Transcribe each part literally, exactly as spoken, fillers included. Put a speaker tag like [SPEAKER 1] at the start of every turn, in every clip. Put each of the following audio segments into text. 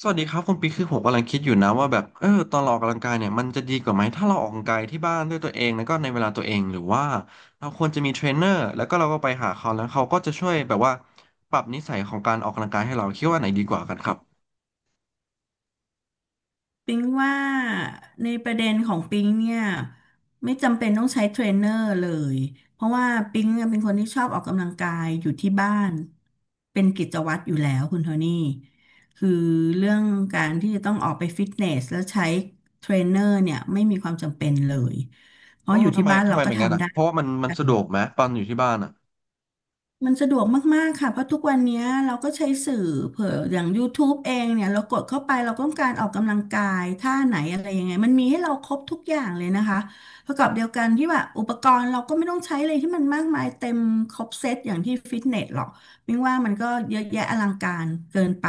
[SPEAKER 1] สวัสดีครับคุณปิ๊กคือผมกำลังคิดอยู่นะว่าแบบเออตอนเราออกกำลังกายเนี่ยมันจะดีกว่าไหมถ้าเราออกกำลังกายที่บ้านด้วยตัวเองแล้วก็ในเวลาตัวเองหรือว่าเราควรจะมีเทรนเนอร์แล้วก็เราก็ไปหาเขาแล้วเขาก็จะช่วยแบบว่าปรับนิสัยของการออกกำลังกายให้เราคิดว่าไหนดีกว่ากันครับ
[SPEAKER 2] ปิงว่าในประเด็นของปิงเนี่ยไม่จำเป็นต้องใช้เทรนเนอร์เลยเพราะว่าปิงเนี่ยเป็นคนที่ชอบออกกำลังกายอยู่ที่บ้านเป็นกิจวัตรอยู่แล้วคุณโทนี่คือเรื่องการที่จะต้องออกไปฟิตเนสแล้วใช้เทรนเนอร์เนี่ยไม่มีความจำเป็นเลยเพ
[SPEAKER 1] อ๋
[SPEAKER 2] ราะ
[SPEAKER 1] อ
[SPEAKER 2] อยู่
[SPEAKER 1] ทำ
[SPEAKER 2] ที่
[SPEAKER 1] ไม
[SPEAKER 2] บ้าน
[SPEAKER 1] ทำ
[SPEAKER 2] เรา
[SPEAKER 1] ไม
[SPEAKER 2] ก็
[SPEAKER 1] เป็นงั้น
[SPEAKER 2] ทำ
[SPEAKER 1] อ่ะ
[SPEAKER 2] ได้
[SPEAKER 1] เพราะว่ามันมันสะดวกไหมตอนอยู่ที่บ้านอ่ะ
[SPEAKER 2] มันสะดวกมากๆค่ะเพราะทุกวันเนี้ยเราก็ใช้สื่อเผื่ออย่าง YouTube เองเนี่ยเรากดเข้าไปเราต้องการออกกำลังกายท่าไหนอะไรยังไงมันมีให้เราครบทุกอย่างเลยนะคะประกอบเดียวกันที่ว่าอุปกรณ์เราก็ไม่ต้องใช้เลยที่มันมากมายเต็มครบเซตอย่างที่ฟิตเนสหรอกมิงว่ามันก็เยอะแยะอลังการเกินไป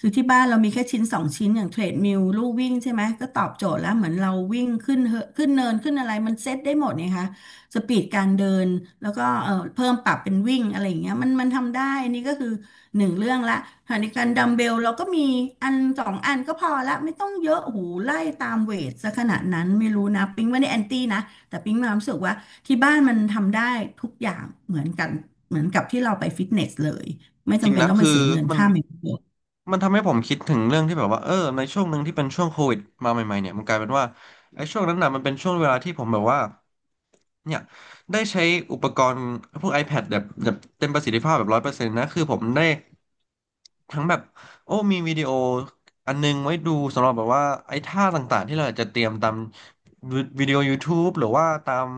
[SPEAKER 2] คือที่บ้านเรามีแค่ชิ้นสองชิ้นอย่างเทรดมิลลู่วิ่งใช่ไหมก็ตอบโจทย์แล้วเหมือนเราวิ่งขึ้นเหอะขึ้นเนินขึ้นอะไรมันเซตได้หมดนี่คะ สปีดการเดินแล้วก็เอ่อเพิ่มปรับเป็นวิ่งอะไรอย่างเงี้ยมันมันทำได้นี่ก็คือหนึ่งเรื่องละขณะเดียวกันดัมเบลเราก็มีอันสองอันก็พอละไม่ต้องเยอะโอ้โหูไล่ตามเวทซะขนาดนั้นไม่รู้นะปิ๊งไม่ได้แอนตี้นะแต่ปิ๊งมีความรู้สึกว่าที่บ้านมันทำได้ทุกอย่างเหมือนกันเหมือนกับที่เราไปฟิตเนสเลย
[SPEAKER 1] จ
[SPEAKER 2] ไม่
[SPEAKER 1] ริ
[SPEAKER 2] จำ
[SPEAKER 1] ง
[SPEAKER 2] เป็
[SPEAKER 1] ๆ
[SPEAKER 2] น
[SPEAKER 1] นะ
[SPEAKER 2] ต้องไป
[SPEAKER 1] คือ
[SPEAKER 2] เสียเงิน
[SPEAKER 1] มัน
[SPEAKER 2] ค่าเมมเบอร์
[SPEAKER 1] มันทำให้ผมคิดถึงเรื่องที่แบบว่าเออในช่วงหนึ่งที่เป็นช่วงโควิดมาใหม่ๆเนี่ยมันกลายเป็นว่าไอ้ช่วงนั้นน่ะมันเป็นช่วงเวลาที่ผมแบบว่า เนี่ยได้ใช้อุปกรณ์พวก ไอแพด แบบแบบเต็มประสิทธิภาพแบบร้อยเปอร์เซ็นต์นะคือผมได้ ทั้งแบบโอ้มีวิดีโออันนึงไว้ดูสำหรับแบบว่าไอ้ท่าต่างๆที่เราจจะเตรียมตามวิดีโอ YouTube หรือว่าตาม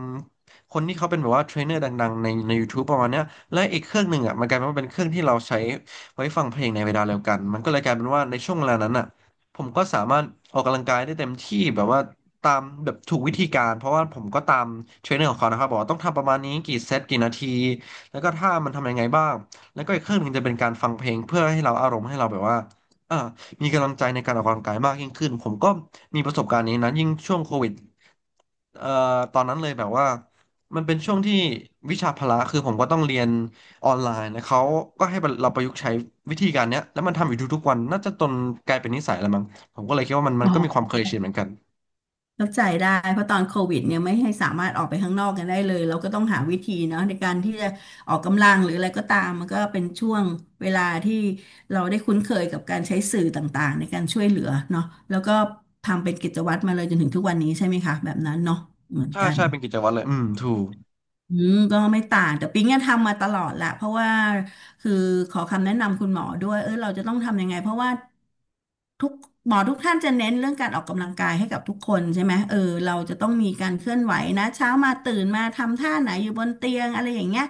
[SPEAKER 1] คนที่เขาเป็นแบบว่าเทรนเนอร์ดังๆในใน YouTube ประมาณเนี้ยและอีกเครื่องหนึ่งอ่ะมันกลายเป็นว่าเป็นเครื่องที่เราใช้ไว้ฟังเพลงในเวลาเดียวกันมันก็เลยกลายเป็นว่าในช่วงเวลานั้นอ่ะผมก็สามารถออกกำลังกายได้เต็มที่แบบว่าตามแบบถูกวิธีการเพราะว่าผมก็ตามเทรนเนอร์ของเขานะครับบอกว่าต้องทำประมาณนี้กี่เซตกี่นาทีแล้วก็ท่ามันทำยังไงบ้าง แล้วก็อีกเครื่องหนึ่งจะเป็นการฟังเพลงเพื่อให้เราอารมณ์ให้เราแบบว่าเอ่มีกำลังใจในการออกกำลังกายมากยิ่งขึ้นผมก็มีประสบการณ์นี้นะยิ่งช่วงโควิดเอ่อตอนนั้นเลยแบบว่ามันเป็นช่วงที่วิชาพละคือผมก็ต้องเรียนออนไลน์นะเขาก็ให้เราประยุกต์ใช้วิธีการเนี้ยแล้วมันทำอยู่ทุกๆวันน่าจะจนกลายเป็นนิสัยแล้วมั้งผมก็เลยคิดว่ามันมัน
[SPEAKER 2] อ๋อ
[SPEAKER 1] ก็มีความเคยชินเหมือนกัน
[SPEAKER 2] เข้าใจได้เพราะตอนโควิดเนี่ยไม่ให้สามารถออกไปข้างนอกกันได้เลยเราก็ต้องหาวิธีเนาะในการที่จะออกกำลังหรืออะไรก็ตามมันก็เป็นช่วงเวลาที่เราได้คุ้นเคยกับการใช้สื่อต่างๆในการช่วยเหลือเนาะแล้วก็ทำเป็นกิจวัตรมาเลยจนถึงทุกวันนี้ใช่ไหมคะแบบนั้นเนาะเหมือน
[SPEAKER 1] ใช่
[SPEAKER 2] กัน
[SPEAKER 1] ใช่เป็นกิจวัตรเลยอืมถูก
[SPEAKER 2] อืมก็ไม่ต่างแต่ปิ๊งอะทำมาตลอดแหละเพราะว่าคือขอคำแนะนำคุณหมอด้วยเออเราจะต้องทำยังไงเพราะว่าทุกหมอทุกท่านจะเน้นเรื่องการออกกำลังกายให้กับทุกคนใช่ไหมเออเราจะต้องมีการเคลื่อนไหวนะเช้ามาตื่นมาทำท่าไหนอยู่บนเตียงอะไรอย่างเงี้ย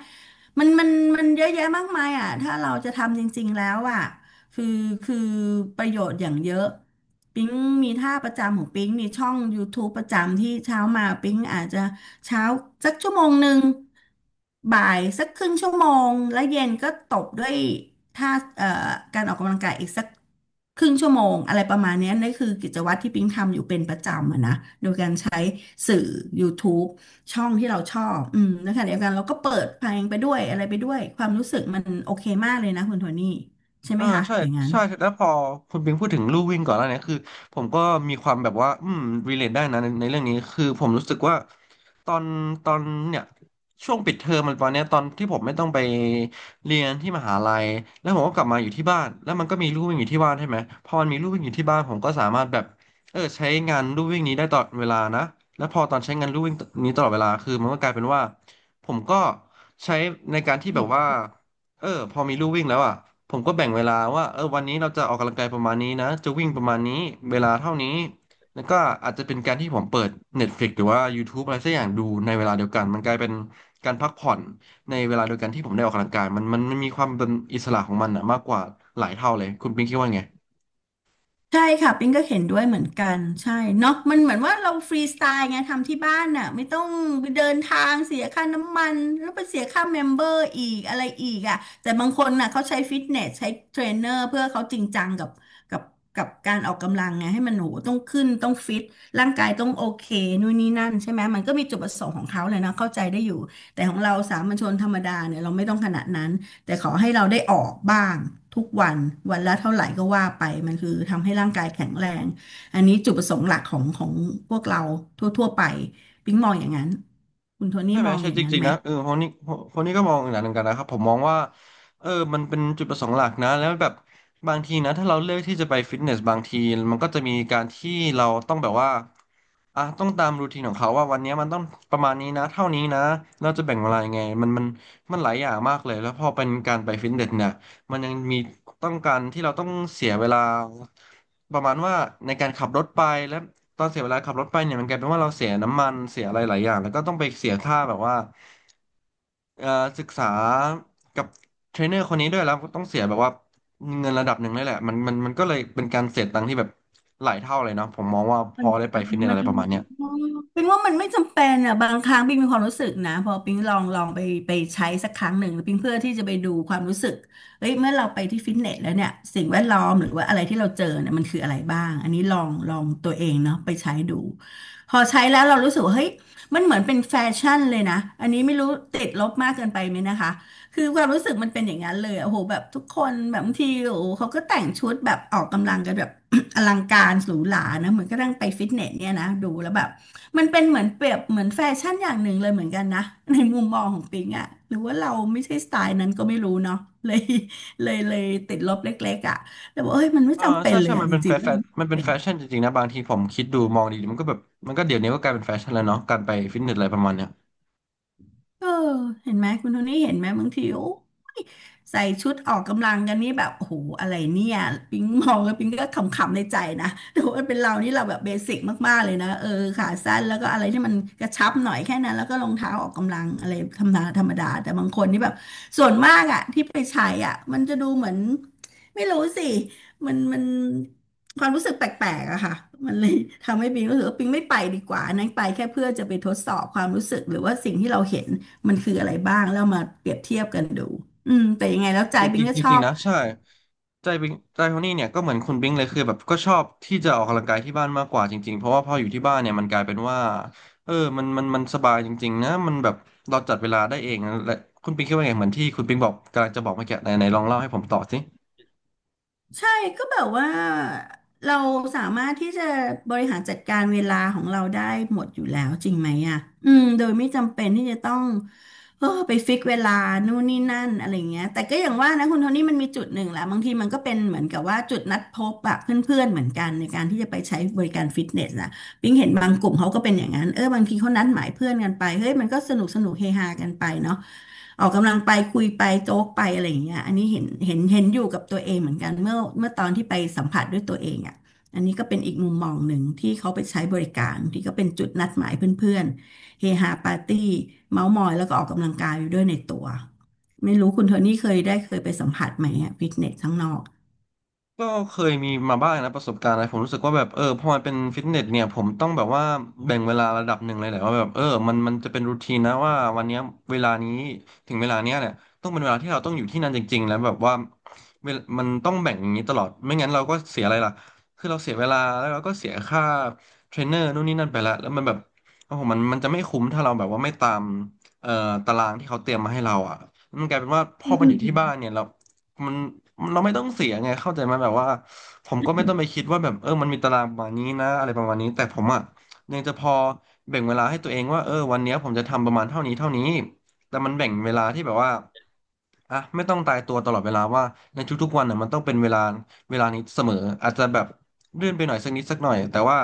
[SPEAKER 2] มันมันมันเยอะแยะมากมายอ่ะถ้าเราจะทำจริงๆแล้วอ่ะคือคือประโยชน์อย่างเยอะปิ๊งมีท่าประจำของปิ๊งมีช่อง YouTube ประจำที่เช้ามาปิ๊งอาจจะ เช้าสักชั่วโมงหนึ่ง บ่ายสักครึ่งชั่วโมง แล้วเย็นก็ตบด้วยท่าเอ่อการออกกำลังกายอีกสักครึ่งชั่วโมงอะไรประมาณเนี้ยนั่นคือกิจวัตรที่ปิ๊งทำอยู่เป็นประจำอะนะโดยการใช้สื่อ YouTube ช่องที่เราชอบอืมนะคะเดียวกันเราก็เปิดเพลงไปด้วยอะไรไปด้วยความรู้สึกมันโอเคมากเลยนะคุณโทนี่ใช่ไหม
[SPEAKER 1] อ่า
[SPEAKER 2] คะ
[SPEAKER 1] ใช่
[SPEAKER 2] อย่างนั้น
[SPEAKER 1] ใช่แล้วพอคุณปิงพูดถึงลู่วิ่งก่อนแล้วเนี่ยคือผมก็มีความแบบว่าอืมรีเลทได้นะในในเรื่องนี้คือผมรู้สึกว่าตอนตอนเนี่ยช่วงปิดเทอมมันตอนเนี้ยตอนที่ผมไม่ต้องไปเรียนที่มหาลัยแล้วผมก็กลับมาอยู่ที่บ้านแล้วมันก็มีลู่วิ่งอยู่ที่บ้านใช่ไหมพอมันมีลู่วิ่งอยู่ที่บ้านผมก็สามารถแบบเออใช้งานลู่วิ่งนี้ได้ตลอดเวลานะแล้วพอตอนใช้งานลู่วิ่งนี้ตลอดเวลาคือมันก็กลายเป็นว่าผมก็ใช้ในการที่แบบว่า เออพอมีลู่วิ่งแล้วอ่ะผมก็แบ่งเวลาว่าเออวันนี้เราจะออกกำลังกายประมาณนี้นะจะวิ่งประมาณนี้เวลาเท่านี้แล้วก็อาจจะเป็นการที่ผมเปิด เน็ตฟลิกซ์ หรือว่า ยูทูบ อะไรสักอย่างดูในเวลาเดียวกันมันกลายเป็นการพักผ่อนในเวลาเดียวกันที่ผมได้ออกกำลังกายมันมันมันมีความเป็นอิสระของมันอ่ะมากกว่าหลายเท่าเลยคุณปิ๊งคิดว่าไง
[SPEAKER 2] ใช่ค่ะปิ้งก็เห็นด้วยเหมือนกันใช่เนาะมันเหมือนว่าเราฟรีสไตล์ไงทำที่บ้านน่ะไม่ต้องไปเดินทางเสียค่าน้ำมันแล้วไปเสียค่าเมมเบอร์อีกอะไรอีกอ่ะแต่บางคนน่ะเขาใช้ฟิตเนสใช้เทรนเนอร์เพื่อเขาจริงจังกับกับกับการออกกำลังไงให้มันโหต้องขึ้นต้องฟิตร่างกายต้องโอเคนู่นนี่นั่นใช่ไหมมันก็มีจุดประสงค์ของเขาเลยนะเข้าใจได้อยู่แต่ของเราสามัญชนธรรมดาเนี่ยเราไม่ต้องขนาดนั้น แต่ขอให้เราได้ออกบ้างทุกวันวันละเท่าไหร่ก็ว่าไปมันคือทำให้ร่างกายแข็งแรงอันนี้จุดประสงค์หลักของของพวกเราทั่วๆไปปิ๊งมองอย่างนั้นคุณโทนี่
[SPEAKER 1] ใช่ไหม
[SPEAKER 2] มอง
[SPEAKER 1] ใช่
[SPEAKER 2] อย่าง
[SPEAKER 1] จ
[SPEAKER 2] นั้น
[SPEAKER 1] ริง
[SPEAKER 2] ไหม
[SPEAKER 1] ๆนะเออคนนี้คนนี้ก็มองอย่างนั้นเหมือนกันนะครับผมมองว่าเออมันเป็นจุดประสงค์หลักนะแล้วแบบบางทีนะถ้าเราเลือกที่จะไปฟิตเนสบางทีมันก็จะมีการที่เราต้องแบบว่าอ่ะต้องตามรูทีนของเขาว่าวันนี้มันต้องประมาณนี้นะเท่านี้นะเราจะแบ่งเวลายังไงมันมันมันหลายอย่างมากเลยแล้วพอเป็นการไปฟิตเนสเนี่ยมันยังมีต้องการที่เราต้องเสียเวลาประมาณว่าในการขับรถไปและ ตอนเสียเวลาขับรถไปเนี่ยมันกลายเป็นว่าเราเสียน้ำมันเสียอะไรหลายอย่างแล้วก็ต้องไปเสียค่าแบบว่าเอ่อศึกษากับเทรนเนอร์คนนี้ด้วยแล้วก็ต้องเสียแบบว่าเงินระดับหนึ่งเลยแหละมันมันมันก็เลยเป็นการเสียตังค์ที่แบบหลายเท่าเลยเนาะผมมองว่าพ
[SPEAKER 2] มั
[SPEAKER 1] อ
[SPEAKER 2] น
[SPEAKER 1] ได้ไป
[SPEAKER 2] มัน
[SPEAKER 1] ฟิตเนส
[SPEAKER 2] มั
[SPEAKER 1] อะ
[SPEAKER 2] น
[SPEAKER 1] ไรประมาณเนี้ย
[SPEAKER 2] เป็นว่ามันไม่จำเป็นอ่ะบางครั้งปิงมีความรู้สึกนะพอปิงลองลองไปไปใช้สักครั้งหนึ่งปิงเพื่อที่จะไปดูความรู้สึกเฮ้ยเมื่อเราไปที่ฟิตเนสแล้วเนี่ยสิ่งแวดล้อมหรือว่าอะไรที่เราเจอเนี่ยมันคืออะไรบ้างอันนี้ลองลองตัวเองเนาะไปใช้ดูพอใช้แล้วเรารู้สึกว่าเฮ้ยมันเหมือนเป็นแฟชั่นเลยนะอันนี้ไม่รู้ติดลบมากเกินไปไหมนะคะ คือความรู้สึกมันเป็นอย่างนั้นเลยอะโอ้โหแบบทุกคนแบบบางทีโอ้โหเขาก็แต่งชุดแบบออกกำลังกันแบบ อลังการหรูหรานะเหมือนก็ตั้งไปฟิตเนสเนี่ยนะดูแล้วแบบมันเป็นเหมือนเปรียบเหมือนแฟชั่นอย่างหนึ่งเลยเหมือนกันนะ ในมุมมองของปิงอะหรือว่าเราไม่ใช่สไตล์นั้นก็ไม่รู้เนาะ เลยเลยเลยติดลบเล็กๆอะแต่ว่าเอ้ยมันไม่
[SPEAKER 1] เออ
[SPEAKER 2] จำเป็
[SPEAKER 1] ใช่
[SPEAKER 2] นเล
[SPEAKER 1] ใช่
[SPEAKER 2] ยอะ
[SPEAKER 1] มัน
[SPEAKER 2] จ
[SPEAKER 1] เป็นแฟ
[SPEAKER 2] ริงๆแล้ว
[SPEAKER 1] ชั่น
[SPEAKER 2] มันไม่
[SPEAKER 1] มัน
[SPEAKER 2] จำ
[SPEAKER 1] เป็น
[SPEAKER 2] เป็น
[SPEAKER 1] แฟชั่นจริงๆนะบางทีผมคิดดูมองดีๆมันก็แบบมันก็เดี๋ยวนี้ก็กลายเป็นแฟชั่นแล้วเนาะการไปฟิตเนสอะไรประมาณเนี้ย
[SPEAKER 2] เออเห็นไหมคุณโทนี่เห็นไหมบางทีโอ้ ใส่ชุดออกกำลังกันนี่แบบโอ้โหอะไรเนี่ยปิงมองแล้วปิงก็ขำๆในใจนะแต่ว่าเป็นเรานี่เราแบบเบสิกมากๆเลยนะเออขาสั้นแล้วก็อะไรที่มันกระชับหน่อยแค่นั้นแล้วก็รองเท้าออกกำลังอะไรธรรมดาธรรมดาแต่บางคนนี่แบบส่วนมากอ่ะที่ไปใช้อ่ะมันจะดูเหมือนไม่รู้สิมันมันความรู้สึกแปลกๆอะค่ะมันเลยทำให้ปิงรู้สึกว่าปิงไม่ไปดีกว่าอันนั้นไปแค่เพื่อจะไปทดสอบความรู้สึกหรือว่าสิ่งที่เราเห็น มันคืออะไรบ้างแล้วมาเปรียบเทียบกันดูอืมแต่ยังไงแล้วใจ
[SPEAKER 1] จ
[SPEAKER 2] บิ
[SPEAKER 1] ริ
[SPEAKER 2] ง
[SPEAKER 1] ง
[SPEAKER 2] ก็
[SPEAKER 1] ๆจ
[SPEAKER 2] ช
[SPEAKER 1] ริ
[SPEAKER 2] อ
[SPEAKER 1] ง
[SPEAKER 2] บ
[SPEAKER 1] ๆนะใช่ใจบิงใจโทนี่เนี่ยก็เหมือนคุณบิงเลยคือแบบก็ชอบที่จะออกกำลังกายที่บ้านมากกว่าจริงๆเพราะว่าพออยู่ที่บ้านเนี่ยมันกลายเป็นว่าเออมันมันมันสบายจริงๆนะมันแบบเราจัดเวลาได้เองนะและคุณบิงคิดว่าไงเหมือนที่คุณบิงบอกกำลังจะบอกเมื่อกี้ไหนไหนลองเล่าให้ผมต่อสิ
[SPEAKER 2] ใช่ก็แบบว่าเราสามารถที่จะบริหารจัดการเวลาของเราได้หมดอยู่แล้วจริงไหมอ่ะอืมโดยไม่จำเป็นที่จะต้องเออไปฟิกเวลานู่นนี่นั่นอะไรเงี้ยแต่ก็อย่างว่านะคุณโทนี่มันมีจุดหนึ่งแหละบางทีมันก็เป็นเหมือนกับว่าจุดนัดพบอะเพื่อนๆเหมือนกันในการที่จะไปใช้บริการฟิตเนสนะปิงเห็นบางกลุ่มเขาก็เป็นอย่างนั้นเออบางทีเขานัดหมายเพื่อนกันไปเฮ้ยมันก็สนุกสนุกเฮฮากันไปเนาะ ออกกำลังไปคุยไปโจ๊กไปอะไรอย่างเงี้ยอันนี้เห็นเห็นเห็นอยู่กับตัวเองเหมือนกันเมื่อเมื่อตอนที่ไปสัมผัสด้วยตัวเองอ่ะอันนี้ก็เป็นอีกมุมมองหนึ่งที่เขาไปใช้บริการที่ก็เป็นจุดนัดหมายเพื่อนๆเฮฮาปาร์ตี้เมาท์มอยแล้วก็ออกกำลังกายอยู่ด้วยในตัวไม่รู้คุณโทนี่เคยได้เคยไปสัมผัสไหมอะฟิตเนสข้างนอก
[SPEAKER 1] ก็เคยมีมาบ้างนะประสบการณ์อะไรผมรู้สึกว่าแบบเออพอมันเป็นฟิตเนสเนี่ยผมต้องแบบว่าแบ่งเวลาระดับหนึ่งเลยแหละว่าแบบเออมันมันจะเป็นรูทีนนะว่าวันเนี้ยเวลานี้ถึงเวลาเนี้ยเนี่ยต้องเป็นเวลาที่เราต้องอยู่ที่นั่นจริงๆแล้วแบบว่าเวลมันต้องแบ่งอย่างนี้ตลอดไม่งั้นเราก็เสียอะไรล่ะคือเราเสียเวลาแล้วเราก็เสียค่าเทรนเนอร์นู่นนี่นั่นไปละแล้วมันแบบโอ้โหมันมันจะไม่คุ้มถ้าเราแบบว่าไม่ตามเอ่อตารางที่เขาเตรียมมาให้เราอ่ะมันกลายเป็นว่าพ
[SPEAKER 2] อื
[SPEAKER 1] อมันอ
[SPEAKER 2] ม
[SPEAKER 1] ยู่ที่บ้านเนี่ยเรา มันมันเราไม่ต้องเสียไงเข้าใจไหมแบบว่าผมก็ไม่ต้องไปคิดว่าแบบเออมันมีตารางประมาณนี้นะอะไรประมาณนี้แต่ผมอ่ะยังจะพอแบ่งเวลาให้ตัวเองว่าเออวันเนี้ยผมจะทำประมาณเท่านี้เท่านี้แต่มันแบ่งเวลาที่แบบว่าอ่ะไม่ต้องตายตัวตลอดเวลาว่าในทุกๆวันน่ะมันต้องเป็นเวลาเวลานี้เสมออาจจะแบบเลื่อนไปหน่อยสักนิดสักหน่อยแต่ว่า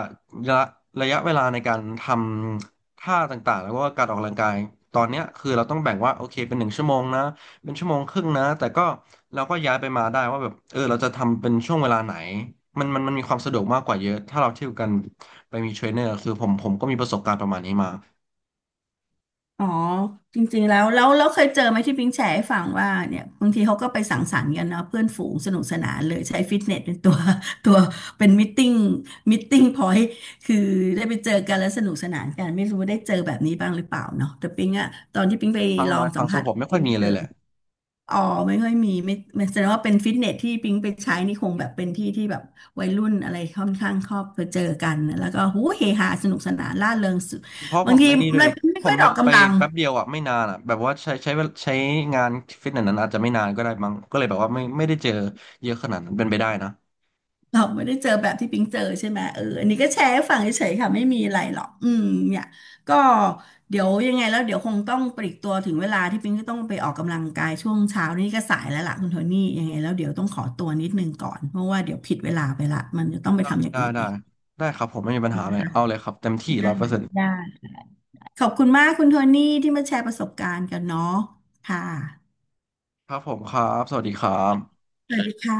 [SPEAKER 1] ระยะระยะเวลาในการทำท่าต่างๆแล้วก็การออกกำลังกายตอนเนี้ยคือเราต้องแบ่งว่าโอเคเป็นหนึ่งชั่วโมงนะ เป็นชั่วโมงครึ่งนะแต่ก็เราก็ย้ายไปมาได้ว่าแบบเออเราจะทำเป็นช่วงเวลาไหนมันมันมันมีความสะดวกมากกว่าเยอะถ้าเราเที่ยวกันไปมีเทรนเนอร์คือผมผมก็มีประสบการณ์ประมาณนี้มา
[SPEAKER 2] อ๋อจริงๆแล้วแล้วแล้วเคยเจอไหมที่ปิงแชร์ให้ฟังว่าเนี่ยบางทีเขาก็ไปสังสรรค์กันเนาะเพื่อนฝูงสนุกสนานเลยใช้ฟิตเนสเป็นตัว ตัวเป็นมิทติ้งมิทติ้งพอยต์คือได้ไปเจอกันแล้วสนุกสนานกันไม่รู้ว่าได้เจอแบบนี้บ้างหรือเปล่าเนาะแต่ปิงอะตอนที่ปิงไป
[SPEAKER 1] ครั้ง
[SPEAKER 2] ลอ
[SPEAKER 1] น้อ
[SPEAKER 2] ง
[SPEAKER 1] ยค
[SPEAKER 2] สั
[SPEAKER 1] รั้
[SPEAKER 2] ม
[SPEAKER 1] งสำห
[SPEAKER 2] ผั
[SPEAKER 1] รั
[SPEAKER 2] ส
[SPEAKER 1] บผมไม่ค่
[SPEAKER 2] ปิ
[SPEAKER 1] อ
[SPEAKER 2] ง
[SPEAKER 1] ยมี
[SPEAKER 2] ไม่เจ
[SPEAKER 1] เล
[SPEAKER 2] อ
[SPEAKER 1] ยแหละ
[SPEAKER 2] อ๋อไม่ค่อยมีไม่ไม่แสดงว่าเป็นฟิตเนสที่ปิงไปใช้นี่คงแบบเป็นที่ที่แบบวัยรุ่นอะไรค่อนข้างชอบไปเจอกันแล้วก็หูเฮฮาสนุกสนานร่าเริงสุด
[SPEAKER 1] เพราะผ
[SPEAKER 2] บาง
[SPEAKER 1] ม
[SPEAKER 2] ที
[SPEAKER 1] ไม่นี่ด้วย
[SPEAKER 2] ไมั
[SPEAKER 1] ดิ
[SPEAKER 2] ไม่
[SPEAKER 1] ผ
[SPEAKER 2] ค่
[SPEAKER 1] ม
[SPEAKER 2] อย
[SPEAKER 1] แบ
[SPEAKER 2] ออ
[SPEAKER 1] บ
[SPEAKER 2] ก
[SPEAKER 1] ไป
[SPEAKER 2] กำลัง
[SPEAKER 1] แป๊บเดียวอ่ะไม่นานอ่ะแบบว่าใช้ใช้เวลาใช้งานฟิตเนสนั้นอาจจะไม่นานก็ได้มั้งก็เลยแบบว่าไม่ไม่ได้เจอเยอะขนาดนั้นเป็นไปได้นะ
[SPEAKER 2] เราไม่ได้เจอแบบที่ปิงเจอใช่ไหมเอออันนี้ก็แชร์ให้ฟังเฉยๆค่ะไม่มีอะไรหรอกอืมเนี่ยก็เดี๋ยวยังไงแล้วเดี๋ยวคงต้องปลีกตัวถึงเวลาที่ปิงก็ต้องไปออกกำลังกายช่วงเช้านี่ก็สายแล้วล่ะคุณโทนี่ยังไงแล้วเดี๋ยวต้องขอตัวนิดนึงก่อนเพราะว่าเดี๋ยวผิดเวลาไปละมันจะต้องไปทำอย่าง
[SPEAKER 1] ได้
[SPEAKER 2] อื่น
[SPEAKER 1] ได้
[SPEAKER 2] อีก
[SPEAKER 1] ได้ครับผมไม่มีปัญหาเลยเอาเลยครับเต็มที่ร้
[SPEAKER 2] ได้
[SPEAKER 1] อยเปอร์เซ็นต์
[SPEAKER 2] ได้ขอบคุณมากคุณโทนี่ที่มาแชร์ประสบการณ์กันเนาะค่ะ
[SPEAKER 1] ครับผมครับสวัสดีครับ
[SPEAKER 2] สวัสดีค่ะ